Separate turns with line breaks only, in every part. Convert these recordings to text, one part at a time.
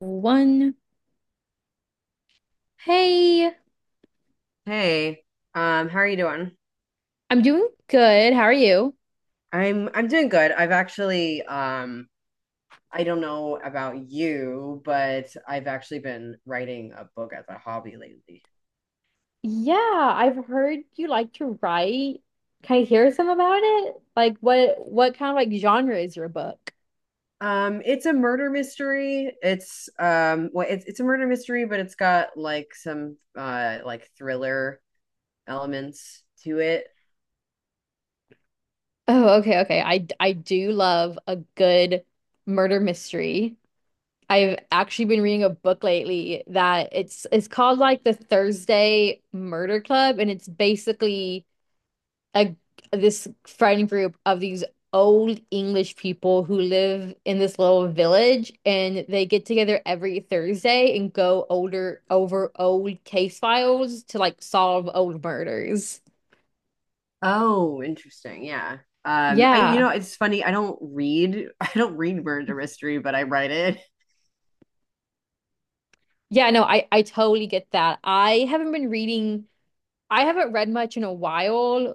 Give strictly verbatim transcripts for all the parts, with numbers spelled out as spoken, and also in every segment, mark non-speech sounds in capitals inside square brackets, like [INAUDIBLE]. One. Hey,
Hey, um, how are you doing?
I'm doing good. How are you?
I'm I'm doing good. I've actually um I don't know about you, but I've actually been writing a book as a hobby lately.
Yeah, I've heard you like to write. Can I hear some about it? Like what what kind of like genre is your book?
Um, it's a murder mystery. It's um well it's it's a murder mystery, but it's got like some uh like thriller elements to it.
Oh, okay, okay. I I do love a good murder mystery. I've actually been reading a book lately that it's it's called like The Thursday Murder Club, and it's basically a this friend group of these old English people who live in this little village and they get together every Thursday and go older over old case files to like solve old murders.
Oh, interesting. Yeah. Um, I you
Yeah.
know, it's funny. I don't read [LAUGHS] I don't read murder mystery, but I write it.
Yeah, no, I I totally get that. I haven't been reading. I haven't read much in a while,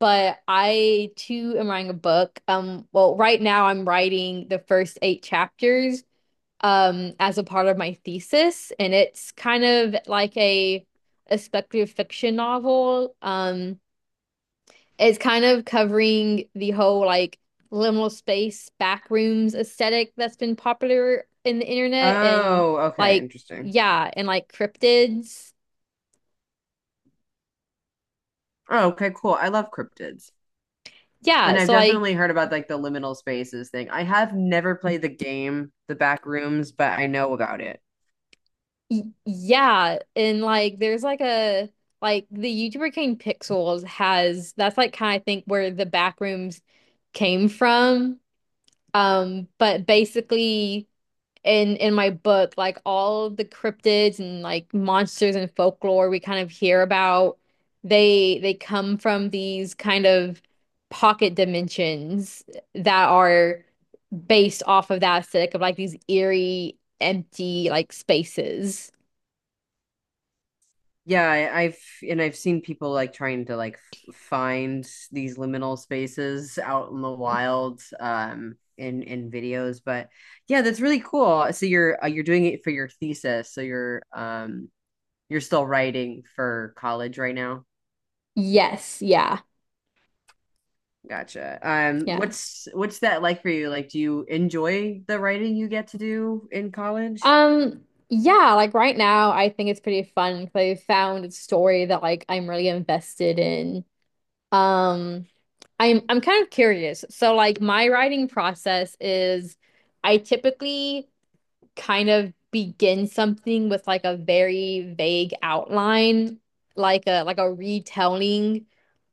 but I too am writing a book. Um well, right now I'm writing the first eight chapters um, as a part of my thesis, and it's kind of like a a speculative fiction novel. Um, it's kind of covering the whole like liminal space backrooms aesthetic that's been popular in the internet, and
Oh, okay,
like
interesting.
yeah, and like cryptids,
Oh, okay, cool. I love cryptids.
yeah.
And I've
So like
definitely heard about like the liminal spaces thing. I have never played the game, The Back Rooms, but I know about it.
y yeah, and like there's like a. Like the YouTuber Cane Pixels has that's like kind of think where the backrooms came from. Um, but basically in in my book, like all of the cryptids and like monsters and folklore we kind of hear about, they they come from these kind of pocket dimensions that are based off of that aesthetic of like these eerie, empty like spaces.
Yeah, I, I've and I've seen people like trying to like f- find these liminal spaces out in the wild um in in videos, but yeah, that's really cool. So you're uh, you're doing it for your thesis. So you're um you're still writing for college right now.
Yes, yeah,
Gotcha. Um,
yeah.
what's what's that like for you? Like, do you enjoy the writing you get to do in college?
Um, yeah, like right now I think it's pretty fun because I found a story that like I'm really invested in. Um, I'm I'm kind of curious. So like my writing process is I typically kind of begin something with like a very vague outline, like a like a retelling,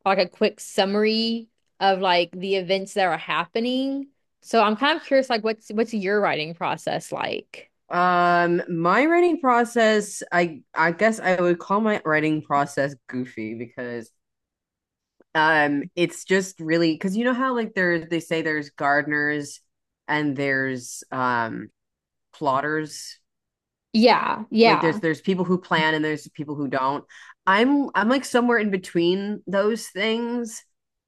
like a quick summary of like the events that are happening. So I'm kind of curious like what's what's your writing process like?
Um, my writing process, I I guess I would call my writing process goofy because um it's just really because you know how like there's they say there's gardeners and there's um plotters.
Yeah,
Like there's
yeah.
there's people who plan and there's people who don't. I'm I'm like somewhere in between those things.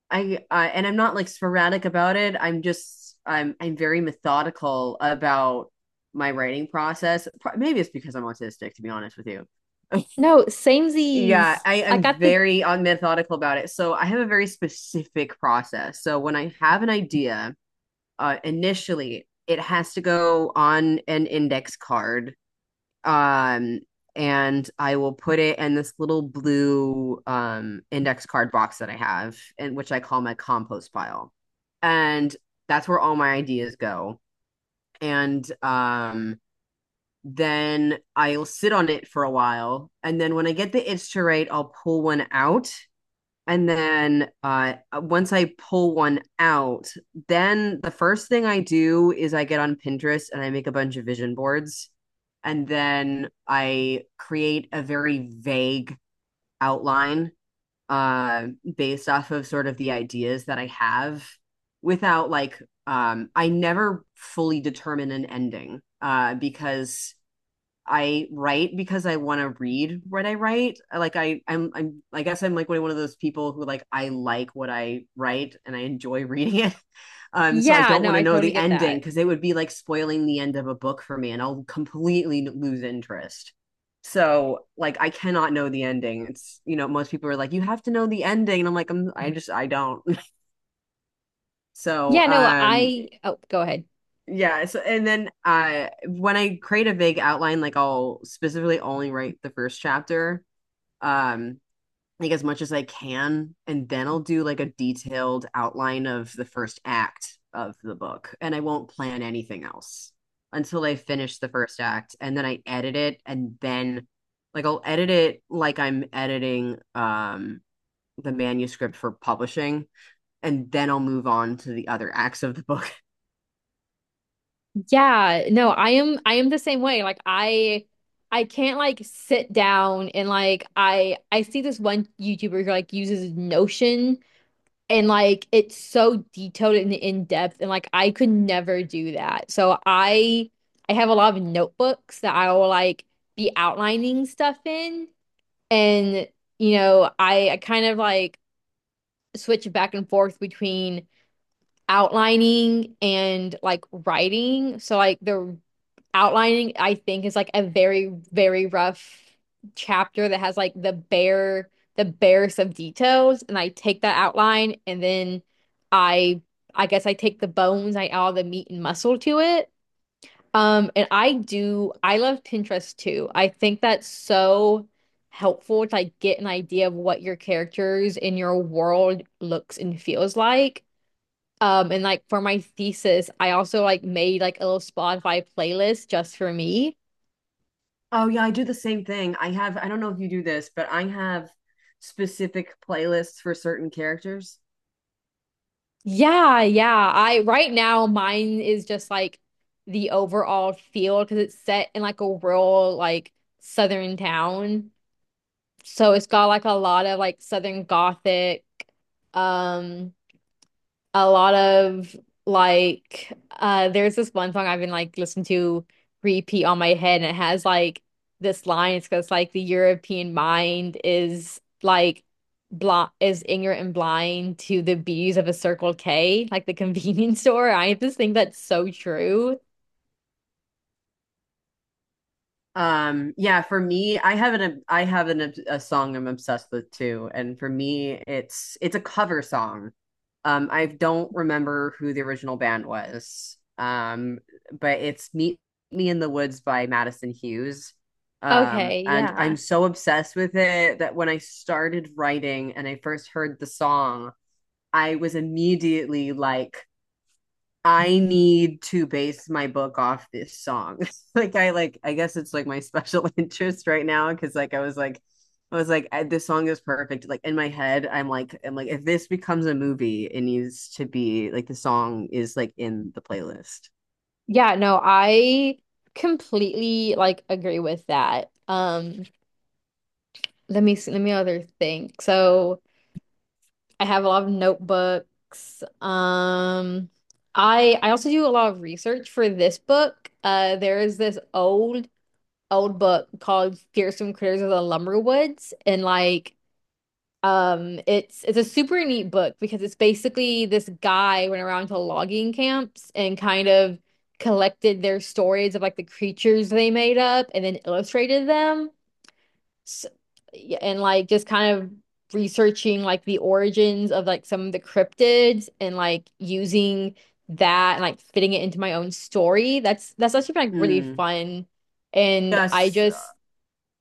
I uh, and I'm not like sporadic about it. I'm just I'm I'm very methodical about my writing process. Maybe it's because I'm autistic, to be honest with you. [LAUGHS]
No,
Yeah,
samesies.
I
I
am
got the
very uh, methodical about it. So I have a very specific process. So when I have an idea, uh, initially it has to go on an index card, um, and I will put it in this little blue um, index card box that I have, and which I call my compost pile. And that's where all my ideas go. And um, then I'll sit on it for a while. And then when I get the itch to write, I'll pull one out and then uh, uh, once I pull one out, then the first thing I do is I get on Pinterest and I make a bunch of vision boards. And then I create a very vague outline uh, based off of sort of the ideas that I have without like, um, I never fully determine an ending uh, because I write because I want to read what I write. uh, Like I, I'm, I'm, I guess I'm like one of those people who like I like what I write and I enjoy [LAUGHS] reading it. Um, so I
yeah,
don't
no,
want to
I
know
totally
the
get
ending
that.
because it would be like spoiling the end of a book for me, and I'll completely lose interest. So like I cannot know the ending. It's you know most people are like you have to know the ending, and I'm like I'm I just I don't. [LAUGHS] So
Yeah, no,
um
I oh, go ahead.
yeah, so and then uh when I create a vague outline, like I'll specifically only write the first chapter, um, like as much as I can, and then I'll do like a detailed outline of the first act of the book, and I won't plan anything else until I finish the first act, and then I edit it, and then like I'll edit it like I'm editing um the manuscript for publishing, and then I'll move on to the other acts of the book.
Yeah, no, I am I am the same way. Like I I can't like sit down and like I I see this one YouTuber who like uses Notion and like it's so detailed and in depth and like I could never do that. So I I have a lot of notebooks that I will like be outlining stuff in, and you know, I I kind of like switch back and forth between outlining and like writing. So like the outlining, I think, is like a very, very rough chapter that has like the bare, the barest of details. And I take that outline and then I I guess I take the bones, I add all the meat and muscle to it. Um, and I do, I love Pinterest too. I think that's so helpful to like get an idea of what your characters in your world looks and feels like. Um, and like for my thesis, I also like made like a little Spotify playlist just for me.
Oh yeah, I do the same thing. I have, I don't know if you do this, but I have specific playlists for certain characters.
Yeah, yeah. I right now mine is just like the overall feel because it's set in like a rural like southern town. So it's got like a lot of like southern gothic, um, a lot of like uh there's this one song I've been like listening to repeat on my head and it has like this line. It's because like the European mind is like blind, is ignorant and blind to the beauties of a Circle K, like the convenience [LAUGHS] store. I just think that's so true.
Um, yeah, for me, I have an I have an a song I'm obsessed with too, and for me, it's it's a cover song. Um, I don't remember who the original band was. Um, but it's Meet Me in the Woods by Madison Hughes. Um,
Okay,
and
yeah,
I'm so obsessed with it that when I started writing and I first heard the song, I was immediately like, I need to base my book off this song. [LAUGHS] like I like I guess it's like my special [LAUGHS] interest right now because like I was like I was like I- this song is perfect. Like in my head, I'm like I'm like if this becomes a movie, it needs to be like the song is like in the playlist.
yeah, no, I completely like agree with that. Um let me see, let me other think. So I have a lot of notebooks. Um, I I also do a lot of research for this book. Uh, there is this old old book called Fearsome Critters of the Lumberwoods, and like um, it's it's a super neat book because it's basically this guy went around to logging camps and kind of collected their stories of like the creatures they made up and then illustrated them yeah, and like just kind of researching like the origins of like some of the cryptids and like using that and like fitting it into my own story. That's that's actually been like really
Mm.
fun. And I
Yes.
just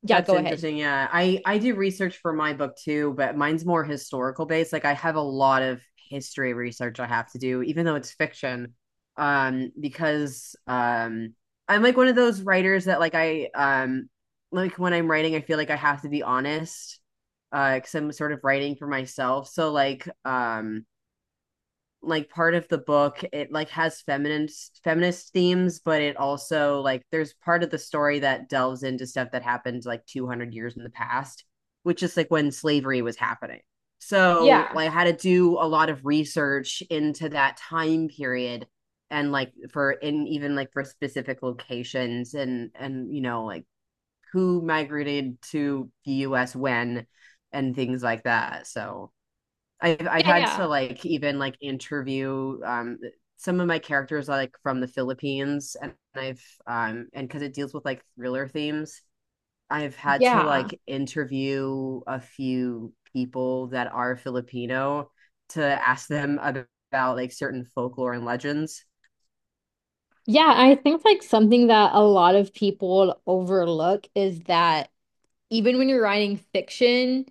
yeah,
That's
go ahead.
interesting. Yeah. I I do research for my book too, but mine's more historical based. Like I have a lot of history research I have to do, even though it's fiction. Um, because um I'm like one of those writers that like I um like when I'm writing, I feel like I have to be honest, uh, because I'm sort of writing for myself. So like um like part of the book it like has feminist feminist themes but it also like there's part of the story that delves into stuff that happened like two hundred years in the past which is like when slavery was happening so
Yeah.
like, I had to do a lot of research into that time period and like for in even like for specific locations and and you know like who migrated to the us when and things like that so I've I've
Yeah,
had to
yeah.
like even like interview um some of my characters like from the Philippines and I've um and because it deals with like thriller themes, I've had to
Yeah.
like interview a few people that are Filipino to ask them ab- about like certain folklore and legends.
Yeah, I think like something that a lot of people overlook is that even when you're writing fiction,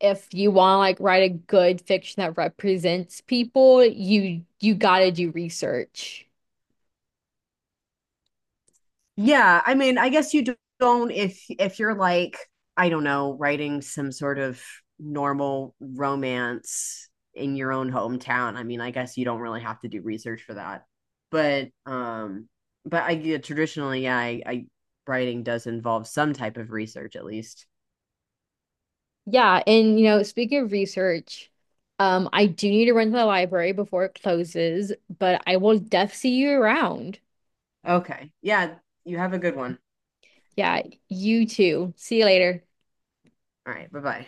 if you want to like write a good fiction that represents people, you you gotta do research.
Yeah, I mean, I guess you don't if if you're like, I don't know, writing some sort of normal romance in your own hometown. I mean, I guess you don't really have to do research for that. But um but I yeah, traditionally, yeah, I, I writing does involve some type of research at least.
Yeah, and you know, speaking of research, um, I do need to run to the library before it closes, but I will def see you around.
Okay. Yeah, you have a good one.
Yeah, you too. See you later.
All right, bye-bye.